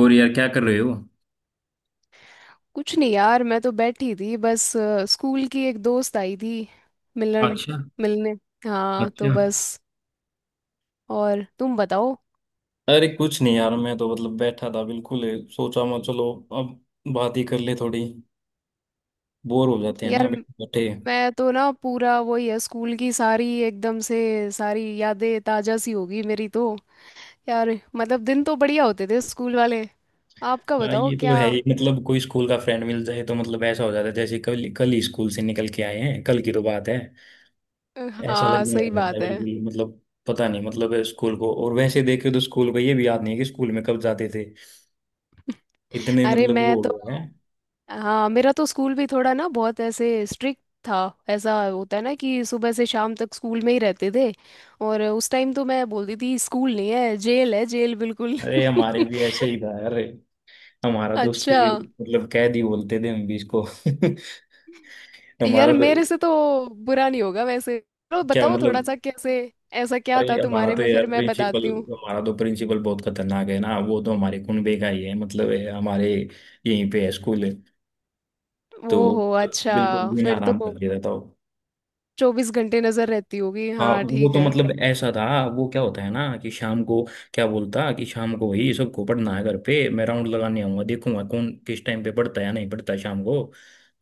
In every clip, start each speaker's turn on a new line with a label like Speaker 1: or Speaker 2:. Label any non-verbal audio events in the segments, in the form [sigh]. Speaker 1: और यार क्या कर रहे हो।
Speaker 2: कुछ नहीं यार। मैं तो बैठी थी बस स्कूल की एक दोस्त आई थी मिलन
Speaker 1: अच्छा।
Speaker 2: मिलने। हाँ तो
Speaker 1: अच्छा।
Speaker 2: बस। और तुम बताओ।
Speaker 1: अरे कुछ नहीं यार, मैं तो मतलब बैठा था बिल्कुल। सोचा मैं, चलो अब बात ही कर ले थोड़ी। बोर हो जाते हैं ना
Speaker 2: यार
Speaker 1: बैठे बैठे।
Speaker 2: मैं तो ना पूरा वही है, स्कूल की सारी एकदम से सारी यादें ताजा सी होगी मेरी तो। यार मतलब दिन तो बढ़िया होते थे स्कूल वाले। आपका
Speaker 1: हाँ,
Speaker 2: बताओ
Speaker 1: ये तो
Speaker 2: क्या।
Speaker 1: है ही। मतलब कोई स्कूल का फ्रेंड मिल जाए तो मतलब ऐसा हो जाता है जैसे कल कल ही स्कूल से निकल के आए हैं, कल की तो बात है।
Speaker 2: अ,
Speaker 1: ऐसा
Speaker 2: हाँ
Speaker 1: लगने
Speaker 2: सही
Speaker 1: लग जाता है
Speaker 2: बात है।
Speaker 1: बिल्कुल मतलब। पता नहीं मतलब स्कूल को, और वैसे देखे तो स्कूल को ये भी याद नहीं है कि स्कूल में कब जाते थे। इतने
Speaker 2: अरे
Speaker 1: मतलब
Speaker 2: मैं
Speaker 1: वो हो
Speaker 2: तो।
Speaker 1: गए हैं।
Speaker 2: हाँ मेरा तो स्कूल भी थोड़ा ना बहुत ऐसे स्ट्रिक्ट था। ऐसा होता है ना कि सुबह से शाम तक स्कूल में ही रहते थे। और उस टाइम तो मैं बोलती थी स्कूल नहीं है जेल है जेल बिल्कुल।
Speaker 1: अरे, हमारे भी
Speaker 2: [laughs]
Speaker 1: ऐसे ही था यार। हमारा तो उससे
Speaker 2: अच्छा।
Speaker 1: भी मतलब कैद ही बोलते थे हम भी इसको। [laughs] हमारा
Speaker 2: यार
Speaker 1: तो।
Speaker 2: मेरे से तो बुरा नहीं होगा वैसे। चलो
Speaker 1: क्या
Speaker 2: बताओ थोड़ा
Speaker 1: मतलब?
Speaker 2: सा कैसे। ऐसा क्या
Speaker 1: अरे,
Speaker 2: था
Speaker 1: हमारा
Speaker 2: तुम्हारे
Speaker 1: तो
Speaker 2: में, फिर
Speaker 1: यार
Speaker 2: मैं
Speaker 1: प्रिंसिपल,
Speaker 2: बताती हूँ।
Speaker 1: हमारा तो प्रिंसिपल बहुत खतरनाक है ना। वो तो हमारे कुनबे का ही है, मतलब है, हमारे यहीं पे है, स्कूल है। तो
Speaker 2: ओहो अच्छा।
Speaker 1: बिल्कुल भी ना
Speaker 2: फिर तो
Speaker 1: आराम करके रहता हो।
Speaker 2: 24 घंटे नजर रहती होगी,
Speaker 1: हाँ,
Speaker 2: हाँ
Speaker 1: वो
Speaker 2: ठीक
Speaker 1: तो
Speaker 2: है।
Speaker 1: मतलब ऐसा था। वो क्या होता है ना कि शाम को, क्या बोलता कि शाम को ही सबको पढ़ना है घर पे, मैं राउंड लगाने आऊंगा, देखूंगा कौन किस टाइम पे पढ़ता है या नहीं पढ़ता है शाम को।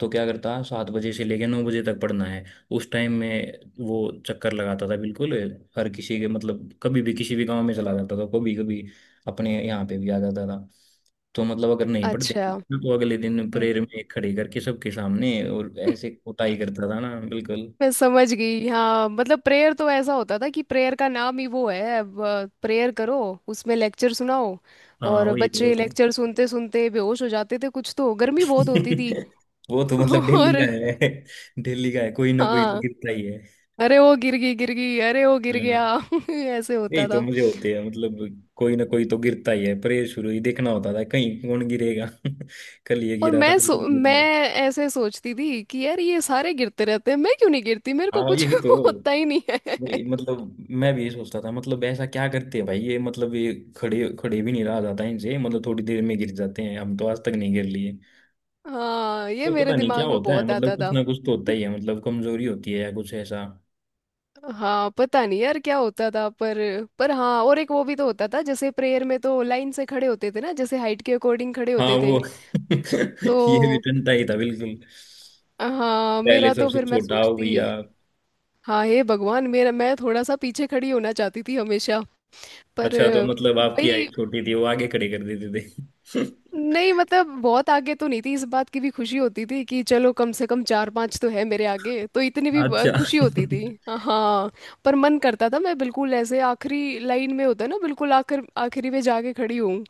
Speaker 1: तो क्या करता, 7 बजे से लेके 9 बजे तक पढ़ना है। उस टाइम में वो चक्कर लगाता था बिल्कुल, हर किसी के। मतलब कभी भी किसी भी गांव में चला जाता था कभी कभी, अपने यहाँ पे भी आ जाता था। तो मतलब अगर नहीं पढ़ते
Speaker 2: अच्छा।
Speaker 1: तो अगले दिन प्रेयर
Speaker 2: [laughs]
Speaker 1: में खड़े करके सबके सामने, और ऐसे कुटाई करता था ना बिल्कुल।
Speaker 2: मैं समझ गई। हाँ मतलब प्रेयर तो ऐसा होता था कि प्रेयर का नाम ही वो है, प्रेयर करो, उसमें लेक्चर सुनाओ।
Speaker 1: हाँ
Speaker 2: और
Speaker 1: वही
Speaker 2: बच्चे
Speaker 1: तो।
Speaker 2: लेक्चर सुनते सुनते बेहोश हो जाते थे, कुछ तो गर्मी बहुत होती थी।
Speaker 1: [laughs] वो तो मतलब
Speaker 2: [laughs]
Speaker 1: दिल्ली
Speaker 2: और
Speaker 1: का है, दिल्ली का है, कोई ना कोई तो
Speaker 2: हाँ।
Speaker 1: गिरता ही है।
Speaker 2: अरे वो गिर गई गिर गई, अरे वो गिर
Speaker 1: हाँ
Speaker 2: गया [laughs] ऐसे
Speaker 1: यही
Speaker 2: होता
Speaker 1: तो
Speaker 2: था।
Speaker 1: मजे होते हैं मतलब। कोई ना कोई तो गिरता ही है, परे शुरू ही देखना होता था कहीं कौन गिरेगा। [laughs] कल ये
Speaker 2: और
Speaker 1: गिरा था,
Speaker 2: मैं
Speaker 1: आज कौन
Speaker 2: मैं
Speaker 1: गिरेगा।
Speaker 2: ऐसे सोचती थी कि यार ये सारे गिरते रहते हैं, मैं क्यों नहीं गिरती, मेरे को
Speaker 1: हाँ
Speaker 2: कुछ
Speaker 1: यही तो।
Speaker 2: [laughs] होता ही नहीं है।
Speaker 1: वही, मतलब मैं भी ये सोचता था, मतलब ऐसा क्या करते हैं भाई ये, मतलब ये खड़े खड़े भी नहीं रहा जाता इनसे, मतलब थोड़ी देर में गिर जाते हैं, हम तो आज तक नहीं गिर लिए।
Speaker 2: हाँ ये
Speaker 1: ये पता
Speaker 2: मेरे
Speaker 1: नहीं क्या
Speaker 2: दिमाग में
Speaker 1: होता है,
Speaker 2: बहुत
Speaker 1: मतलब
Speaker 2: आता
Speaker 1: कुछ
Speaker 2: था।
Speaker 1: ना कुछ तो होता ही है, मतलब कमजोरी होती है या कुछ ऐसा।
Speaker 2: हाँ पता नहीं यार क्या होता था। पर हाँ, और एक वो भी तो होता था जैसे प्रेयर में तो लाइन से खड़े होते थे ना, जैसे हाइट के अकॉर्डिंग खड़े
Speaker 1: हाँ
Speaker 2: होते
Speaker 1: वो।
Speaker 2: थे।
Speaker 1: [laughs] ये भी
Speaker 2: तो
Speaker 1: टंटा ही था बिल्कुल।
Speaker 2: हाँ
Speaker 1: पहले
Speaker 2: मेरा तो
Speaker 1: सबसे
Speaker 2: फिर मैं
Speaker 1: छोटा हो भैया।
Speaker 2: सोचती। हाँ हे भगवान, मेरा मैं थोड़ा सा पीछे खड़ी होना चाहती थी हमेशा। पर
Speaker 1: अच्छा, तो मतलब आपकी
Speaker 2: वही।
Speaker 1: हाइट छोटी थी, वो आगे खड़े कर देते थे। [laughs]
Speaker 2: नहीं मतलब बहुत आगे तो नहीं थी, इस बात की भी खुशी होती थी कि चलो कम से कम चार पांच तो है मेरे आगे, तो इतनी भी
Speaker 1: अच्छा।
Speaker 2: खुशी होती थी। हाँ। पर मन करता था मैं बिल्कुल ऐसे आखिरी लाइन में होता है ना, बिल्कुल आखिर आखिरी में जाके खड़ी हूँ।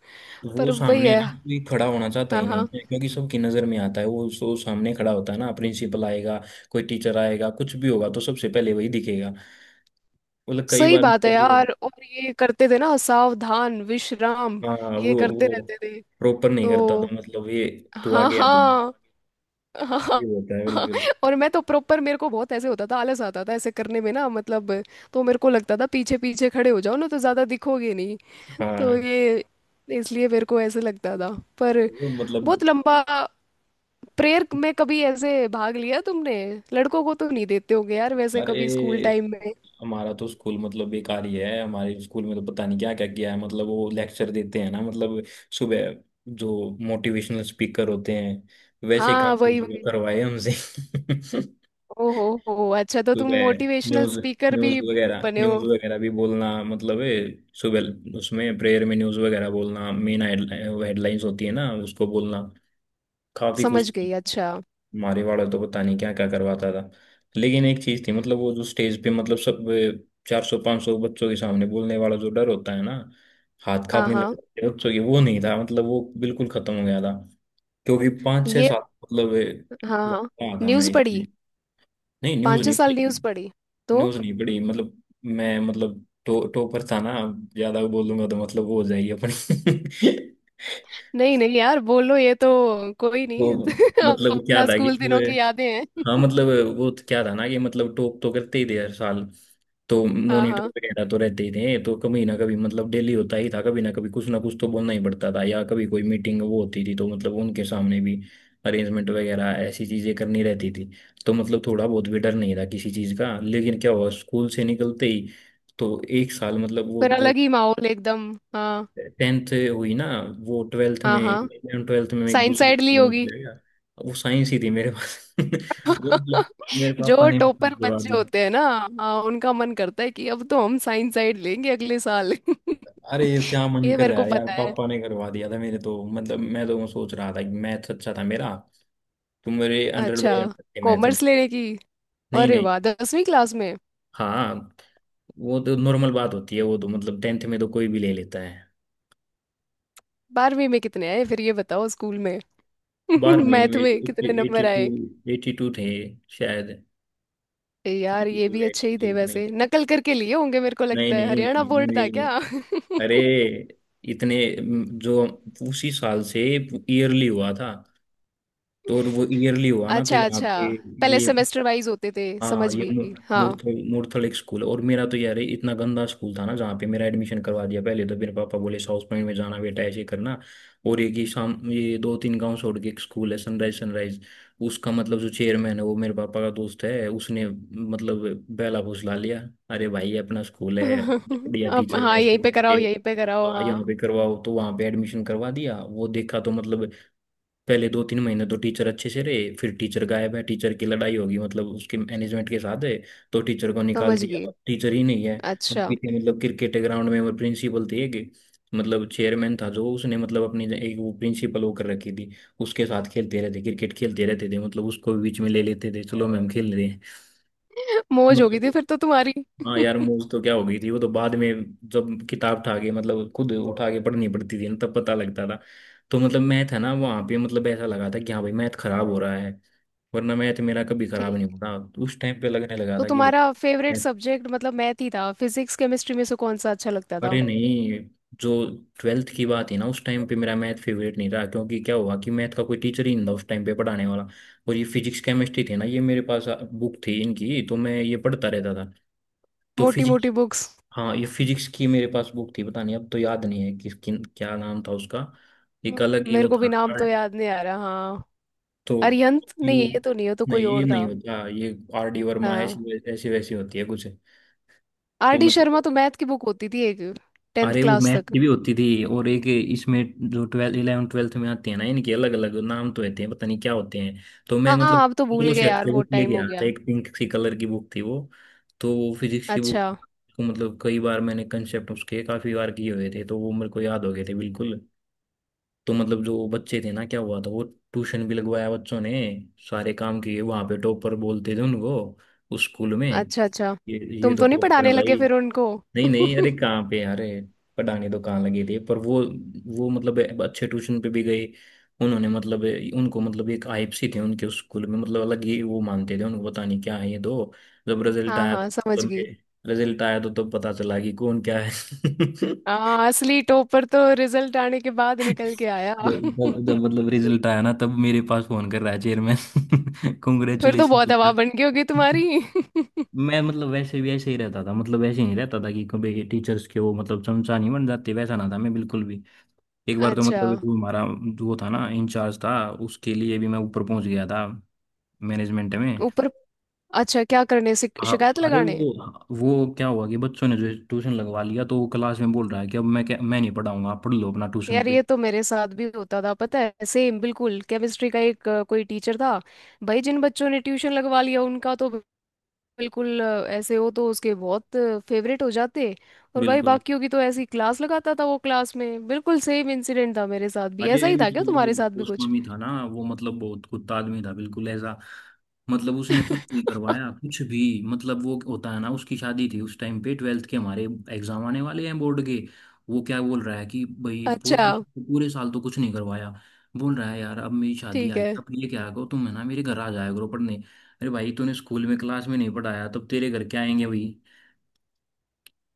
Speaker 1: वो
Speaker 2: पर वही
Speaker 1: सामने
Speaker 2: है।
Speaker 1: ना कोई खड़ा होना चाहता
Speaker 2: हाँ
Speaker 1: ही नहीं
Speaker 2: हाँ।
Speaker 1: है, क्योंकि सबकी नजर में आता है वो। सो सामने खड़ा होता है ना, प्रिंसिपल आएगा, कोई टीचर आएगा, कुछ भी होगा तो सबसे पहले वही दिखेगा। मतलब कई
Speaker 2: सही
Speaker 1: बार
Speaker 2: बात है
Speaker 1: मतलब वो।
Speaker 2: यार। और ये करते थे ना सावधान विश्राम,
Speaker 1: हाँ
Speaker 2: ये
Speaker 1: वो।
Speaker 2: करते
Speaker 1: वो
Speaker 2: रहते थे।
Speaker 1: प्रॉपर नहीं करता
Speaker 2: तो
Speaker 1: था मतलब ये, तू
Speaker 2: हाँ
Speaker 1: आगे आ,
Speaker 2: हाँ। [laughs] हाँ हाँ,
Speaker 1: ये होता है बिल्कुल।
Speaker 2: और मैं तो प्रॉपर, मेरे को बहुत ऐसे होता था, आलस आता था ऐसे करने में ना मतलब। तो मेरे को लगता था पीछे पीछे खड़े हो जाओ ना, तो ज़्यादा दिखोगे नहीं। तो
Speaker 1: हाँ
Speaker 2: ये इसलिए मेरे को ऐसे लगता था। पर
Speaker 1: वो मतलब।
Speaker 2: बहुत लंबा प्रेयर में कभी ऐसे भाग लिया तुमने? लड़कों को तो नहीं देते होगे यार वैसे
Speaker 1: अरे,
Speaker 2: कभी स्कूल टाइम में।
Speaker 1: हमारा तो स्कूल मतलब बेकार ही है। हमारे स्कूल में तो पता नहीं क्या क्या किया है। मतलब वो लेक्चर देते हैं ना मतलब, सुबह, जो मोटिवेशनल स्पीकर होते हैं, वैसे काम
Speaker 2: हाँ वही
Speaker 1: भी
Speaker 2: वही।
Speaker 1: करवाए हमसे। [laughs]
Speaker 2: ओ हो अच्छा, तो तुम
Speaker 1: सुबह
Speaker 2: मोटिवेशनल
Speaker 1: न्यूज,
Speaker 2: स्पीकर
Speaker 1: न्यूज
Speaker 2: भी
Speaker 1: वगैरह
Speaker 2: बने
Speaker 1: न्यूज
Speaker 2: हो।
Speaker 1: वगैरह भी बोलना, मतलब सुबह उसमें प्रेयर में न्यूज वगैरह बोलना, मेन हेडलाइंस होती है ना, उसको बोलना, काफी कुछ।
Speaker 2: समझ गई, अच्छा।
Speaker 1: मारी वाला तो पता नहीं क्या क्या करवाता था। लेकिन एक चीज थी, मतलब वो जो स्टेज पे, मतलब सब चार सौ पांच सौ बच्चों के सामने बोलने वाला जो डर होता है ना, हाथ
Speaker 2: हाँ
Speaker 1: कांपने
Speaker 2: हाँ
Speaker 1: लगते हैं बच्चों के, वो नहीं था, मतलब वो बिल्कुल खत्म हो गया था। क्योंकि पांच छह
Speaker 2: ये।
Speaker 1: साल मतलब
Speaker 2: हाँ हाँ,
Speaker 1: वहाँ था मैं
Speaker 2: न्यूज़ पढ़ी?
Speaker 1: इसमें। नहीं, न्यूज
Speaker 2: पाँच छह
Speaker 1: नहीं
Speaker 2: साल
Speaker 1: पढ़ी।
Speaker 2: न्यूज़ पढ़ी? तो
Speaker 1: न्यूज नहीं पढ़ी, मतलब मैं मतलब टॉपर था ना, ज्यादा बोलूंगा तो मतलब वो हो जाएगी अपनी। [laughs]
Speaker 2: नहीं नहीं यार बोलो ये तो, कोई
Speaker 1: तो
Speaker 2: नहीं। [laughs]
Speaker 1: मतलब क्या
Speaker 2: अपना
Speaker 1: था कि,
Speaker 2: स्कूल दिनों की यादें हैं।
Speaker 1: हाँ मतलब, वो तो क्या था ना कि मतलब टॉप तो करते ही थे हर साल। तो
Speaker 2: [laughs] हाँ
Speaker 1: मॉनिटर
Speaker 2: हाँ।
Speaker 1: वगैरह तो रहते ही थे, तो कभी ना कभी मतलब डेली होता ही था, कभी ना कभी कुछ ना कुछ तो बोलना ही पड़ता था। या कभी कोई मीटिंग वो होती थी तो मतलब उनके सामने भी अरेंजमेंट वगैरह ऐसी चीजें करनी रहती थी। तो मतलब थोड़ा बहुत भी डर नहीं था किसी चीज का। लेकिन क्या हुआ स्कूल से निकलते ही, तो एक साल मतलब, वो
Speaker 2: फिर
Speaker 1: जो
Speaker 2: अलग ही माहौल एकदम, हाँ।
Speaker 1: टेंथ हुई ना, वो ट्वेल्थ में,
Speaker 2: हाँ हाँ,
Speaker 1: इलेवन ट्वेल्थ में एक
Speaker 2: साइंस
Speaker 1: दूसरी
Speaker 2: साइड ली
Speaker 1: स्कूल में
Speaker 2: होगी।
Speaker 1: चले गया। वो साइंस ही थी मेरे पास। [laughs] वो मतलब
Speaker 2: [laughs]
Speaker 1: मेरे पापा
Speaker 2: जो
Speaker 1: ने
Speaker 2: टॉपर
Speaker 1: करवा
Speaker 2: बच्चे
Speaker 1: दी।
Speaker 2: होते हैं ना। हाँ, उनका मन करता है कि अब तो हम साइंस साइड लेंगे अगले साल। [laughs]
Speaker 1: अरे ये क्या मन
Speaker 2: ये
Speaker 1: कर
Speaker 2: मेरे
Speaker 1: रहा
Speaker 2: को
Speaker 1: है यार,
Speaker 2: पता है।
Speaker 1: पापा ने करवा दिया था मेरे तो। मतलब मैं तो सोच रहा था कि मैथ्स अच्छा था मेरा, तो मेरे हंड्रेड
Speaker 2: अच्छा,
Speaker 1: बाई हंड्रेड थे मैथ में।
Speaker 2: कॉमर्स लेने की।
Speaker 1: नहीं
Speaker 2: अरे
Speaker 1: नहीं।
Speaker 2: वाह, 10वीं क्लास में।
Speaker 1: हाँ, वो तो नॉर्मल बात होती है, वो तो मतलब टेंथ में तो कोई भी ले लेता है।
Speaker 2: 12वीं में कितने आए, फिर ये बताओ, स्कूल में। [laughs]
Speaker 1: बारहवीं
Speaker 2: मैथ
Speaker 1: में
Speaker 2: में कितने
Speaker 1: एट्टी
Speaker 2: नंबर
Speaker 1: टू
Speaker 2: आए?
Speaker 1: 82 थे शायद,
Speaker 2: यार
Speaker 1: एटी
Speaker 2: ये
Speaker 1: टू
Speaker 2: भी अच्छे ही
Speaker 1: एटी
Speaker 2: थे
Speaker 1: थ्री
Speaker 2: वैसे, नकल करके लिए होंगे, मेरे को
Speaker 1: नहीं
Speaker 2: लगता है हरियाणा
Speaker 1: नहीं
Speaker 2: बोर्ड था
Speaker 1: नहीं,
Speaker 2: क्या। [laughs]
Speaker 1: अरे, इतने जो उसी साल से ईयरली हुआ था, तो, और वो ईयरली हुआ ना तो
Speaker 2: अच्छा
Speaker 1: यहाँ
Speaker 2: अच्छा।
Speaker 1: पे,
Speaker 2: पहले
Speaker 1: ये,
Speaker 2: सेमेस्टर वाइज होते थे,
Speaker 1: हाँ
Speaker 2: समझ
Speaker 1: ये।
Speaker 2: गई हाँ।
Speaker 1: मूर्थो मूर्थल स्कूल। और मेरा तो यार इतना गंदा स्कूल था ना, जहाँ पे मेरा एडमिशन करवा दिया। पहले तो मेरे पापा बोले साउथ पॉइंट में जाना बेटा, ऐसे करना। और एक ही शाम ये 2-3 गांव छोड़ के एक स्कूल है, सनराइज, सनराइज। उसका मतलब जो चेयरमैन है वो मेरे पापा का दोस्त है, उसने मतलब बेला फुसला लिया। अरे भाई ये अपना स्कूल है,
Speaker 2: [laughs]
Speaker 1: बढ़िया
Speaker 2: अब
Speaker 1: टीचर है,
Speaker 2: हाँ,
Speaker 1: ऐसे
Speaker 2: यहीं पे
Speaker 1: ऐसे,
Speaker 2: कराओ यहीं पे कराओ,
Speaker 1: हाँ यहाँ
Speaker 2: हाँ।
Speaker 1: पे करवाओ, तो वहाँ पे एडमिशन करवा दिया। वो देखा तो मतलब, पहले 2-3 महीने तो टीचर अच्छे से रहे, फिर टीचर गायब है, टीचर की लड़ाई होगी मतलब उसके मैनेजमेंट के साथ है। तो टीचर को निकाल
Speaker 2: समझ
Speaker 1: दिया,
Speaker 2: गई,
Speaker 1: अब टीचर ही नहीं है। अब
Speaker 2: अच्छा।
Speaker 1: पीछे मतलब क्रिकेट के ग्राउंड में, वो प्रिंसिपल थे एक, मतलब चेयरमैन था जो, उसने मतलब अपनी एक वो प्रिंसिपल वो कर रखी थी, उसके साथ खेलते रहते, क्रिकेट खेलते रहते थे। मतलब उसको भी बीच में ले लेते थे, चलो मैम खेल रहे हैं।
Speaker 2: [laughs] मौज हो गई थी
Speaker 1: मतलब,
Speaker 2: फिर तो तुम्हारी।
Speaker 1: हाँ यार
Speaker 2: [laughs]
Speaker 1: मूव तो क्या हो गई थी, वो तो बाद में जब किताब उठा के मतलब खुद उठा के पढ़नी पड़ती थी ना, तब पता लगता था। तो मतलब मैथ है ना, वहाँ पे मतलब ऐसा लगा था कि हाँ भाई मैथ खराब हो रहा है, वरना मैथ मेरा कभी खराब
Speaker 2: ठीक।
Speaker 1: नहीं होता। तो उस टाइम पे लगने लगा
Speaker 2: तो
Speaker 1: था कि भाई
Speaker 2: तुम्हारा फेवरेट
Speaker 1: मैथ।
Speaker 2: सब्जेक्ट मतलब मैथ ही था? फिजिक्स केमिस्ट्री में से कौन सा अच्छा लगता
Speaker 1: अरे
Speaker 2: था?
Speaker 1: नहीं, जो ट्वेल्थ की बात है ना, उस टाइम पे मेरा मैथ फेवरेट नहीं रहा, क्योंकि क्या हुआ कि मैथ का कोई टीचर ही नहीं था उस टाइम पे पढ़ाने वाला। और ये फिजिक्स केमिस्ट्री थे ना, ये मेरे पास बुक थी इनकी, तो मैं ये पढ़ता रहता था। तो
Speaker 2: मोटी
Speaker 1: फिजिक्स,
Speaker 2: मोटी बुक्स।
Speaker 1: हाँ, ये फिजिक्स की मेरे पास बुक थी, पता नहीं अब तो याद नहीं है किस किन क्या नाम था उसका। एक अलग ही
Speaker 2: मेरे
Speaker 1: वो
Speaker 2: को
Speaker 1: था।
Speaker 2: भी नाम
Speaker 1: आर,
Speaker 2: तो याद नहीं आ रहा, हाँ।
Speaker 1: तो
Speaker 2: अरिहंत?
Speaker 1: यू,
Speaker 2: नहीं ये तो नहीं हो, तो
Speaker 1: नहीं
Speaker 2: कोई
Speaker 1: ये
Speaker 2: और था।
Speaker 1: नहीं होता, ये आर डी वर्मा
Speaker 2: हाँ।
Speaker 1: ऐसी ऐसी वैसी होती है कुछ।
Speaker 2: आर
Speaker 1: तो
Speaker 2: डी
Speaker 1: मतलब,
Speaker 2: शर्मा तो मैथ की बुक होती थी एक, टेंथ
Speaker 1: अरे वो
Speaker 2: क्लास
Speaker 1: मैथ की
Speaker 2: तक।
Speaker 1: भी होती थी, और एक इसमें जो ट्वेल्थ, इलेवन ट्वेल्थ में आते हैं ना, इनके अलग अलग नाम तो होते हैं, पता नहीं क्या होते हैं। तो मैं
Speaker 2: हाँ
Speaker 1: मतलब
Speaker 2: हाँ, अब तो भूल
Speaker 1: दूसरों
Speaker 2: गए
Speaker 1: से
Speaker 2: यार,
Speaker 1: हटके बुक
Speaker 2: बहुत टाइम
Speaker 1: लेके
Speaker 2: हो
Speaker 1: आया
Speaker 2: गया।
Speaker 1: था, एक पिंक सी कलर की बुक थी वो, तो वो फिजिक्स की बुक
Speaker 2: अच्छा
Speaker 1: को मतलब कई बार मैंने कंसेप्ट उसके काफी बार किए हुए थे, तो वो मेरे को याद हो गए थे बिल्कुल। तो मतलब जो बच्चे थे ना, क्या हुआ था वो, ट्यूशन भी लगवाया बच्चों ने, सारे काम किए, वहां पे टॉपर बोलते थे उनको, उस स्कूल में
Speaker 2: अच्छा अच्छा।
Speaker 1: ये ये
Speaker 2: तुम
Speaker 1: तो
Speaker 2: तो नहीं
Speaker 1: टॉपर है
Speaker 2: पढ़ाने लगे
Speaker 1: भाई।
Speaker 2: फिर उनको?
Speaker 1: नहीं नहीं, अरे कहाँ पे, अरे पढ़ाने तो कहाँ लगे थे, पर वो मतलब अच्छे ट्यूशन पे भी गई उन्होंने, मतलब उनको मतलब एक आइप सी थे उनके उस स्कूल में, मतलब अलग ही वो मानते थे उनको, पता नहीं क्या है ये दो। जब रिजल्ट
Speaker 2: हाँ
Speaker 1: आया
Speaker 2: हाँ समझ
Speaker 1: तो
Speaker 2: गई।
Speaker 1: रिजल्ट आया तो तब पता चला कि कौन क्या है। [laughs]
Speaker 2: हाँ, असली टॉपर तो रिजल्ट आने के बाद निकल के आया।
Speaker 1: जब जब-
Speaker 2: [laughs]
Speaker 1: जब मतलब रिजल्ट आया ना, तब मेरे पास फोन कर रहा है चेयरमैन,
Speaker 2: फिर तो बहुत हवा
Speaker 1: कॉन्ग्रेचुलेशन।
Speaker 2: बन गई होगी तुम्हारी।
Speaker 1: [laughs] मैं मतलब वैसे भी ऐसे ही रहता था, मतलब ऐसे नहीं रहता था कि कभी टीचर्स के वो, मतलब चमचा नहीं बन जाते वैसा, ना था मैं बिल्कुल भी। एक
Speaker 2: [laughs]
Speaker 1: बार तो
Speaker 2: अच्छा।
Speaker 1: मतलब ये जो हमारा वो था ना, इंचार्ज था, उसके लिए भी मैं ऊपर पहुंच गया था, मैनेजमेंट में।
Speaker 2: ऊपर? अच्छा क्या करने, शिकायत
Speaker 1: अरे
Speaker 2: लगाने?
Speaker 1: वो क्या हुआ कि बच्चों ने जो ट्यूशन लगवा लिया, तो वो क्लास में बोल रहा है कि अब मैं क्या, मैं नहीं पढ़ाऊंगा, आप पढ़ लो अपना ट्यूशन
Speaker 2: यार
Speaker 1: पे।
Speaker 2: ये तो मेरे साथ भी होता था पता है, सेम बिल्कुल। केमिस्ट्री का एक कोई टीचर था। भाई जिन बच्चों ने ट्यूशन लगवा लिया उनका तो बिल्कुल ऐसे हो, तो उसके बहुत फेवरेट हो जाते। और भाई
Speaker 1: बिल्कुल,
Speaker 2: बाकियों की तो ऐसी क्लास लगाता था वो क्लास में, बिल्कुल सेम इंसिडेंट था मेरे साथ भी।
Speaker 1: अरे
Speaker 2: ऐसा ही था क्या
Speaker 1: मतलब वो
Speaker 2: तुम्हारे साथ भी कुछ?
Speaker 1: गोस्वामी था ना, वो मतलब बहुत कुत्ता आदमी था बिल्कुल ऐसा। मतलब उसने कुछ नहीं करवाया
Speaker 2: [laughs]
Speaker 1: कुछ भी। मतलब वो होता है ना, उसकी शादी थी उस टाइम पे, ट्वेल्थ के हमारे एग्जाम आने वाले हैं बोर्ड के। वो क्या बोल रहा है कि भाई,
Speaker 2: अच्छा।
Speaker 1: पूरा उसको पूरे साल तो कुछ नहीं करवाया, बोल रहा है यार अब मेरी शादी
Speaker 2: ठीक
Speaker 1: आ गई,
Speaker 2: है।
Speaker 1: अब ये क्या करो तुम है ना, मेरे घर आ जाया करो पढ़ने। अरे भाई तूने स्कूल में, क्लास में नहीं पढ़ाया, तब तेरे घर क्या आएंगे भाई,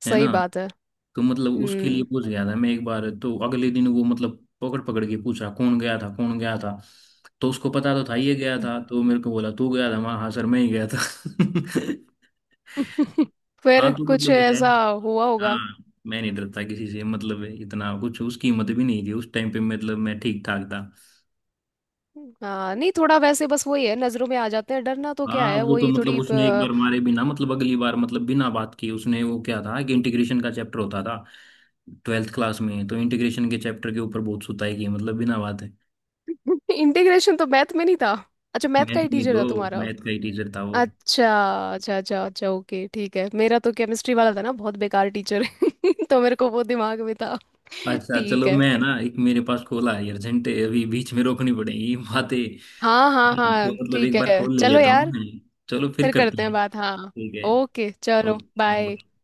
Speaker 1: है
Speaker 2: सही
Speaker 1: ना।
Speaker 2: बात है।
Speaker 1: तो मतलब उसके लिए
Speaker 2: हम्म।
Speaker 1: पूछ गया था मैं एक बार, तो अगले दिन वो मतलब पकड़ पकड़ के पूछा, कौन गया था, कौन गया था, तो उसको पता तो था ये गया था, तो मेरे को बोला तू गया था, मैं हाँ सर मैं ही गया था। [laughs]
Speaker 2: [laughs]
Speaker 1: हाँ,
Speaker 2: फिर
Speaker 1: तो
Speaker 2: कुछ
Speaker 1: मतलब है।
Speaker 2: ऐसा हुआ होगा।
Speaker 1: हाँ, मैं नहीं डरता किसी से, मतलब इतना कुछ उसकी हिम्मत भी नहीं थी उस टाइम पे, मतलब मैं ठीक ठाक था।
Speaker 2: हाँ नहीं, थोड़ा वैसे बस वही है, नजरों में आ जाते हैं, डरना तो क्या
Speaker 1: हाँ
Speaker 2: है
Speaker 1: वो तो
Speaker 2: वही
Speaker 1: मतलब
Speaker 2: थोड़ी।
Speaker 1: उसने एक बार मारे बिना, मतलब अगली बार मतलब बिना बात किए उसने, वो क्या था कि इंटीग्रेशन का चैप्टर होता था ट्वेल्थ क्लास में, तो इंटीग्रेशन के चैप्टर के ऊपर बहुत सुताई की मतलब बिना बात।
Speaker 2: इंटीग्रेशन [laughs] तो मैथ में नहीं था? अच्छा, मैथ का
Speaker 1: मैथ
Speaker 2: ही
Speaker 1: में
Speaker 2: टीचर
Speaker 1: दो,
Speaker 2: था तुम्हारा।
Speaker 1: मैथ का ही टीचर था वो।
Speaker 2: अच्छा अच्छा अच्छा अच्छा ओके, ठीक है। मेरा तो केमिस्ट्री वाला था ना बहुत बेकार टीचर है [laughs] तो मेरे को वो दिमाग में था।
Speaker 1: अच्छा,
Speaker 2: ठीक
Speaker 1: चलो,
Speaker 2: है,
Speaker 1: मैं है ना एक मेरे पास खोला है अर्जेंट, अभी बीच में रोकनी पड़ेगी ये बातें।
Speaker 2: हाँ हाँ
Speaker 1: तो
Speaker 2: हाँ,
Speaker 1: मतलब
Speaker 2: ठीक
Speaker 1: एक बार
Speaker 2: है
Speaker 1: खोल ले
Speaker 2: चलो
Speaker 1: लेता हूँ
Speaker 2: यार।
Speaker 1: मैं, चलो फिर
Speaker 2: फिर
Speaker 1: करते
Speaker 2: करते हैं
Speaker 1: हैं।
Speaker 2: बात, हाँ।
Speaker 1: ठीक है।
Speaker 2: ओके चलो बाय।
Speaker 1: ओके।